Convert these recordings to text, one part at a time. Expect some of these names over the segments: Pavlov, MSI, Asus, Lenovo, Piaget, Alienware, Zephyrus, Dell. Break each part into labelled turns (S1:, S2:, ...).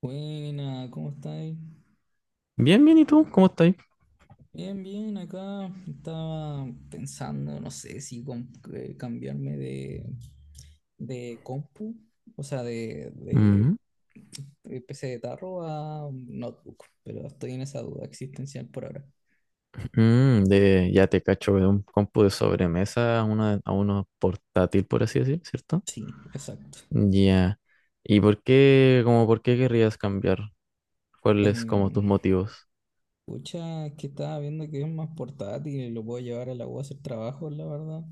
S1: Buena, ¿cómo estáis?
S2: Bien, bien, ¿y tú? ¿Cómo estás?
S1: Bien, bien, acá estaba pensando, no sé si cambiarme de, compu, o sea, de,
S2: Mm,
S1: PC de tarro a notebook, pero estoy en esa duda existencial por ahora.
S2: ya te cacho de un compu de sobremesa a una, a uno portátil, por así decir, ¿cierto?
S1: Sí, exacto.
S2: Ya. ¿Y por qué, como por qué querrías cambiar? ¿Cuáles como
S1: Eh,
S2: tus motivos?
S1: Pucha, es que estaba viendo que es más portátil y lo puedo llevar a la U a hacer trabajo, la verdad.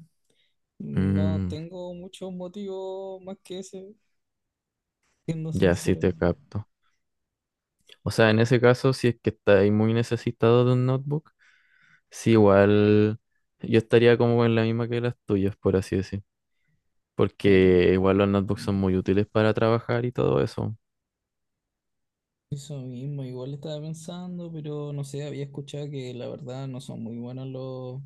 S1: No
S2: Mm,
S1: tengo muchos motivos más que ese, siendo
S2: ya sí
S1: sincero,
S2: te capto. O sea, en ese caso, si es que estáis muy necesitado de un notebook, sí, igual yo estaría como en la misma que las tuyas, por así decir.
S1: pero...
S2: Porque igual los notebooks
S1: mm.
S2: son muy útiles para trabajar y todo eso.
S1: Eso mismo, igual estaba pensando, pero no sé, había escuchado que la verdad no son muy buenos los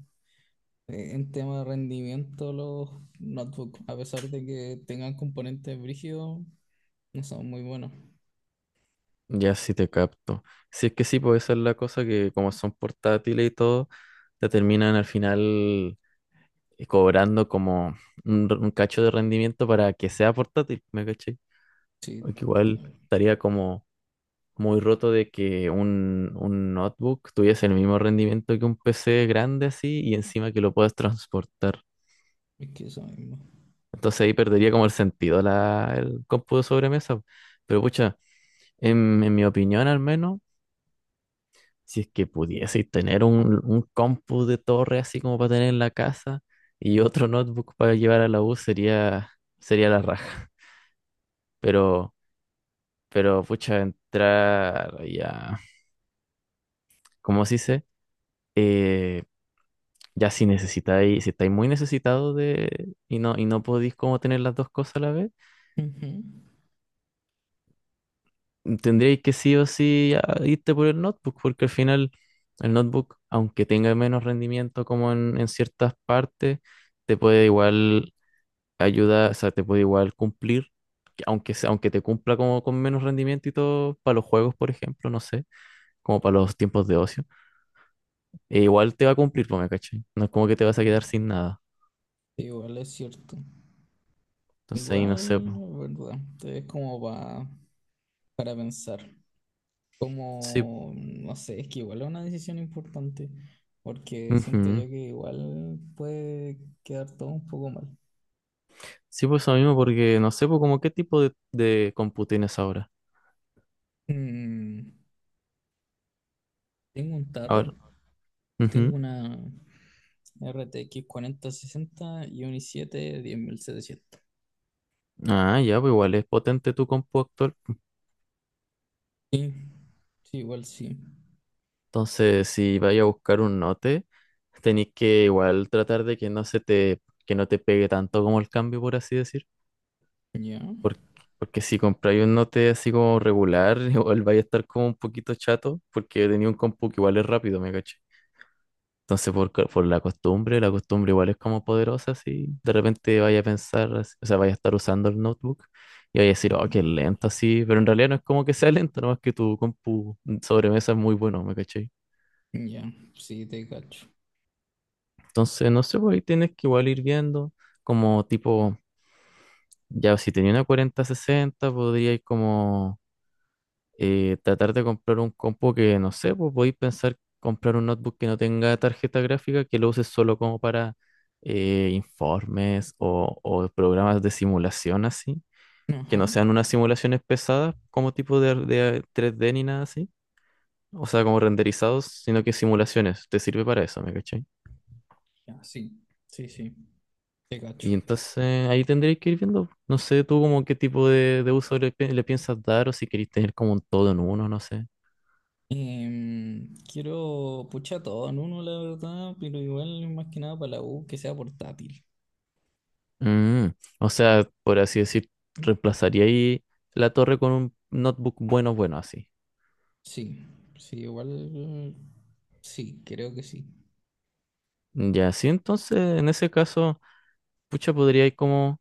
S1: en tema de rendimiento los notebooks, a pesar de que tengan componentes brígidos, no son muy buenos.
S2: Ya sí te capto. Si es que sí, pues esa es la cosa que como son portátiles y todo, te terminan al final cobrando como un cacho de rendimiento para que sea portátil, ¿me caché?
S1: Sí,
S2: Porque igual
S1: no,
S2: estaría como muy roto de que un notebook tuviese el mismo rendimiento que un PC grande así y encima que lo puedas transportar.
S1: es que eso mismo.
S2: Entonces ahí perdería como el sentido el cómputo de sobremesa. Pero pucha, en mi opinión al menos. Si es que pudieseis tener un compu de torre así como para tener en la casa y otro notebook para llevar a la U sería, sería la raja. Pero, pero pucha, entrar ya, ¿cómo se dice? Eh, ya si necesitáis, si estáis muy necesitados de, y no podéis como tener las dos cosas a la vez,
S1: Ujú.
S2: tendríais que sí o sí irte por el notebook, porque al final el notebook, aunque tenga menos rendimiento como en ciertas partes, te puede igual ayuda, o sea, te puede igual cumplir, que aunque te cumpla como con menos rendimiento y todo, para los juegos, por ejemplo, no sé, como para los tiempos de ocio, e igual te va a cumplir, pues, ¿me cachai? No es como que te vas a quedar sin nada.
S1: Igual es cierto.
S2: Entonces ahí no sé,
S1: Igual,
S2: pues.
S1: la verdad, es como para pensar.
S2: Sí,
S1: Como, no sé, es que igual es una decisión importante, porque siento yo
S2: ujú.
S1: que igual puede quedar todo un poco mal.
S2: Sí, pues eso mismo, porque no sé, pues, como qué tipo de compu tienes ahora.
S1: Mm, Tengo un
S2: Ahora,
S1: tarro,
S2: ujú.
S1: tengo una RTX 60 y un i7 10.700.
S2: Ah, ya, pues igual es potente tu compu actual.
S1: Sí, sí, igual sí.
S2: Entonces, si vaya a buscar un note, tenéis que igual tratar de que no se te, que no te pegue tanto como el cambio, por así decir.
S1: Ya,
S2: Porque, porque si compráis un Note así como regular, igual vais a estar como un poquito chato, porque tenía un compu que igual es rápido, me caché. Entonces, por la costumbre igual es como poderosa, si de repente vaya a pensar, o sea, vaya a estar usando el notebook y vaya a decir, oh,
S1: ujú,
S2: qué lento, así. Pero en realidad no es como que sea lento, nomás que tu compu sobremesa es muy bueno, me caché.
S1: ya, sí, te cacho.
S2: Entonces, no sé, pues ahí tienes que igual ir viendo, como tipo, ya si tenía una 4060, podría ir como. Tratar de comprar un compo que, no sé, pues podéis pensar comprar un notebook que no tenga tarjeta gráfica, que lo uses solo como para informes o programas de simulación así, que
S1: Ajá,
S2: no sean unas simulaciones pesadas como tipo de tres d ni nada así, o sea, como renderizados, sino que simulaciones, te sirve para eso, ¿me cachai?
S1: ya, sí, sí, sí, te
S2: Y
S1: cacho.
S2: entonces ahí tendréis que ir viendo, no sé tú como qué tipo de uso le piensas dar o si queréis tener como un todo en uno, no sé.
S1: Em, quiero, pucha, todo en uno, la verdad, pero igual más que nada para la U que sea portátil.
S2: Mm, o sea, por así decir, reemplazaría ahí la torre con un notebook bueno, bueno, así.
S1: Sí, sí, igual, sí, creo que sí.
S2: Ya, sí, entonces, en ese caso, pucha, podría ir como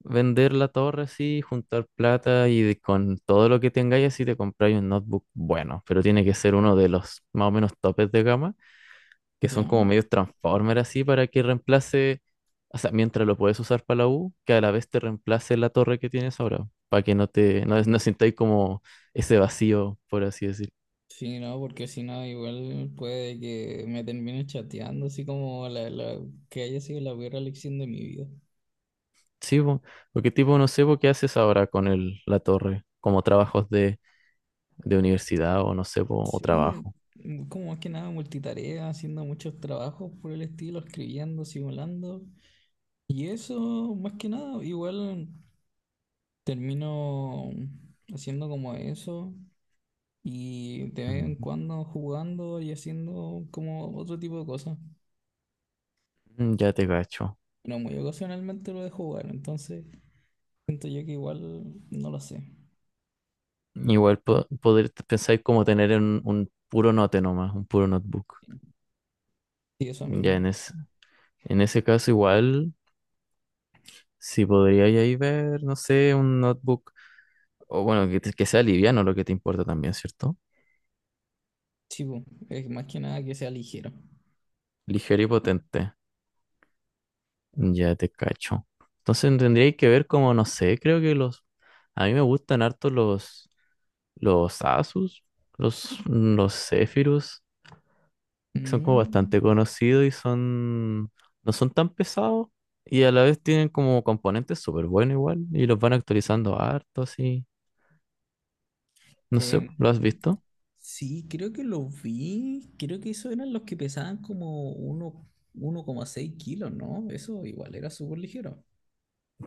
S2: vender la torre así, juntar plata y con todo lo que tengáis así te compráis un notebook bueno, pero tiene que ser uno de los más o menos topes de gama que son
S1: Ya,
S2: como medios transformers así para que reemplace, o sea, mientras lo puedes usar para la U, que a la vez te reemplace la torre que tienes ahora, para que no te, no, no sintáis como ese vacío, por así decir.
S1: sí, no, porque si no, igual puede que me termine chateando, así como que haya sido la peor elección de mi vida.
S2: Sí, po, porque tipo, no sé, po, ¿qué haces ahora con el, la torre? Como trabajos de universidad o no sé, po, o
S1: Sí,
S2: trabajo.
S1: como más que nada multitarea, haciendo muchos trabajos por el estilo, escribiendo, simulando. Y eso, más que nada, igual. Termino haciendo como eso y de vez en
S2: Mm.
S1: cuando jugando y haciendo como otro tipo de cosas.
S2: Mm, ya te cacho.
S1: Pero muy ocasionalmente lo de jugar, entonces siento yo que igual no lo sé.
S2: Igual poder pensar como tener un puro note nomás, un puro notebook.
S1: Sí, eso
S2: Ya
S1: mismo.
S2: en, es- en ese caso igual si podríais ahí ver, no sé, un notebook, o bueno, que sea liviano lo que te importa también, ¿cierto?
S1: Sí, po, es más que nada que sea ligero.
S2: Ligero y potente. Ya te cacho. Entonces tendríais que ver como, no sé, creo que los... A mí me gustan harto los Asus, los Zephyrus, que son como bastante
S1: Mm,
S2: conocidos y son... no son tan pesados y a la vez tienen como componentes súper buenos igual y los van actualizando harto así. No sé,
S1: eh,
S2: ¿lo has visto?
S1: sí, creo que lo vi. Creo que esos eran los que pesaban como uno, 1,6 kilos, ¿no? Eso igual era súper ligero.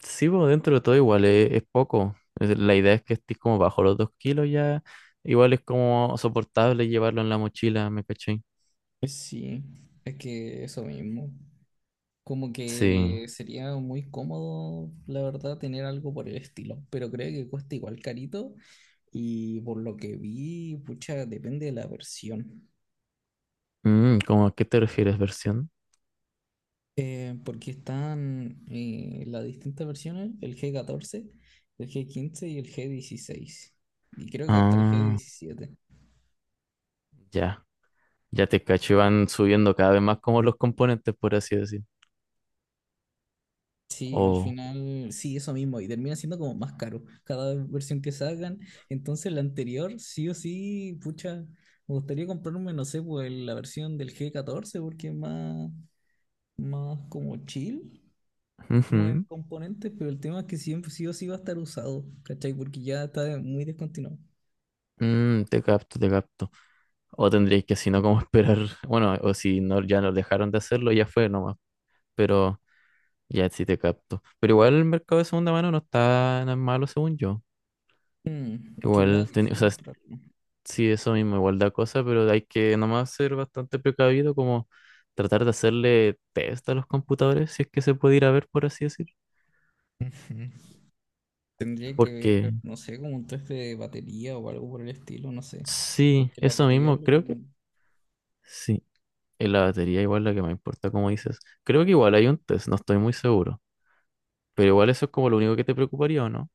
S2: Sí, pues dentro de todo igual es poco. La idea es que estés como bajo los dos kilos ya. Igual es como soportable llevarlo en la mochila, ¿me caché?
S1: Sí, es que eso mismo. Como
S2: Sí.
S1: que sería muy cómodo, la verdad, tener algo por el estilo, pero creo que cuesta igual carito y por lo que vi, pucha, depende de la versión.
S2: Mm, ¿cómo a qué te refieres, versión?
S1: Porque están las distintas versiones, el G14, el G15 y el G16. Y creo que hasta el
S2: Ah,
S1: G17.
S2: ya. Ya te cacho, y van subiendo cada vez más como los componentes, por así decir.
S1: Sí, al
S2: O,
S1: final, sí, eso mismo, y termina siendo como más caro cada versión que sacan. Entonces, la anterior, sí o sí, pucha, me gustaría comprarme, no sé, pues la versión del G14, porque es más, más como chill, como en
S2: ujú.
S1: componentes, pero el tema es que siempre sí o sí va a estar usado, ¿cachai? Porque ya está muy descontinuado.
S2: Mm, te capto, te capto. O tendríais que, si no, como esperar. Bueno, o si no, ya nos dejaron de hacerlo, ya fue nomás. Pero ya sí te capto. Pero igual el mercado de segunda mano no está tan malo, según yo.
S1: Que me da
S2: Igual, teni-
S1: cosa
S2: o sea, es-
S1: comprarlo.
S2: Sí, eso mismo, igual da cosa, pero hay que nomás ser bastante precavido, como tratar de hacerle test a los computadores, si es que se puede ir a ver, por así decir.
S1: Ujú. Tendría que ver,
S2: Porque
S1: no sé, como un test de batería o algo por el estilo, no sé.
S2: sí,
S1: Porque la
S2: eso
S1: batería es
S2: mismo,
S1: lo que.
S2: creo que sí. En la batería igual la que me importa, como dices. Creo que igual hay un test, no estoy muy seguro. Pero igual eso es como lo único que te preocuparía, ¿o no?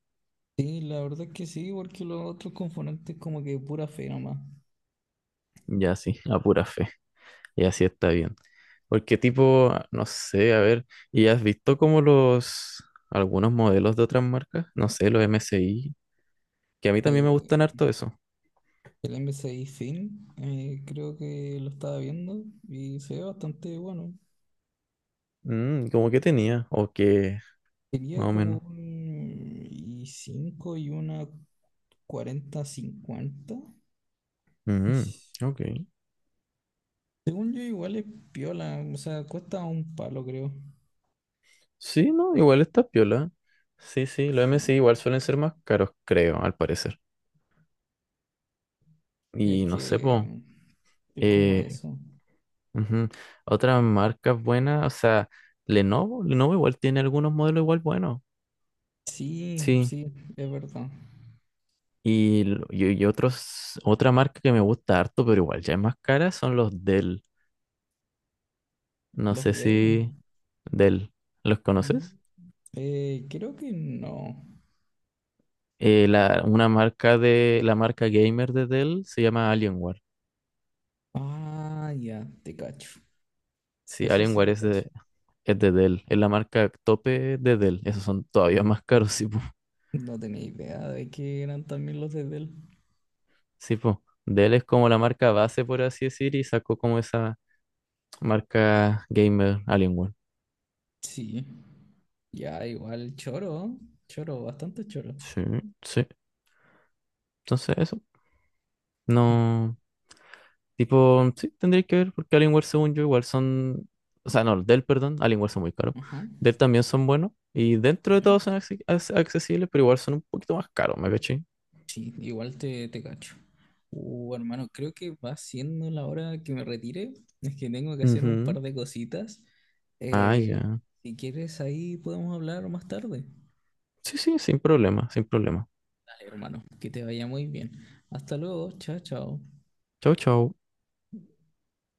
S1: Sí, la verdad que sí, porque los otros componentes como que pura fe nomás.
S2: Ya sí, a pura fe. Y así está bien. Porque tipo, no sé, a ver, ¿y has visto como los, algunos modelos de otras marcas? No sé, los MSI, que a mí también me gustan
S1: Eh,
S2: harto eso.
S1: el MSI Fin, creo que lo estaba viendo y se ve bastante bueno.
S2: Mm, como que tenía, o que,
S1: Tenía
S2: más o
S1: como
S2: menos.
S1: un y 5 y una 4050. Y
S2: Mm,
S1: s-
S2: ok.
S1: Según yo igual es piola, o sea, cuesta un palo creo.
S2: Sí, no, igual está piola. Sí, sí, los
S1: Sí.
S2: MSI igual suelen ser más caros, creo, al parecer.
S1: Es
S2: Y no sé, po,
S1: que es como
S2: eh,
S1: eso.
S2: ujú, otras marcas buenas, o sea, Lenovo, Lenovo igual tiene algunos modelos igual buenos.
S1: Sí,
S2: Sí.
S1: sí, es verdad.
S2: Y otros, otra marca que me gusta harto, pero igual ya es más cara, son los Dell. No
S1: Los
S2: sé
S1: Dell.
S2: si Dell, ¿los conoces?
S1: Creo que no.
S2: Una marca de, la marca gamer de Dell se llama Alienware.
S1: Ah, ya, te cacho.
S2: Sí,
S1: Eso sí
S2: Alienware
S1: lo cacho.
S2: es de Dell, es la marca tope de Dell. Esos son todavía más caros, sí, po.
S1: No tenía idea de que eran también los de Dell.
S2: Sí, po. Dell es como la marca base, por así decir, y sacó como esa marca gamer Alienware.
S1: Sí. Ya, igual, choro. Choro, bastante choro.
S2: Sí, sí. Entonces eso. No. Tipo, sí, tendréis que ver, porque Alienware, según yo, igual son. O sea, no, Dell, perdón, Alienware son muy caros.
S1: Ajá.
S2: Dell también son buenos. Y dentro de
S1: Ya.
S2: todo son accesibles, pero igual son un poquito más caros, ¿me caché?
S1: Sí, igual te cacho. Hermano, creo que va siendo la hora que me retire. Es que tengo que hacer un
S2: Ujú.
S1: par de cositas.
S2: Ah,
S1: Eh,
S2: ya.
S1: si quieres, ahí podemos hablar más tarde.
S2: Sí, sí, sin problema, sin problema.
S1: Dale, hermano, que te vaya muy bien. Hasta luego, chao, chao.
S2: Chau, chau.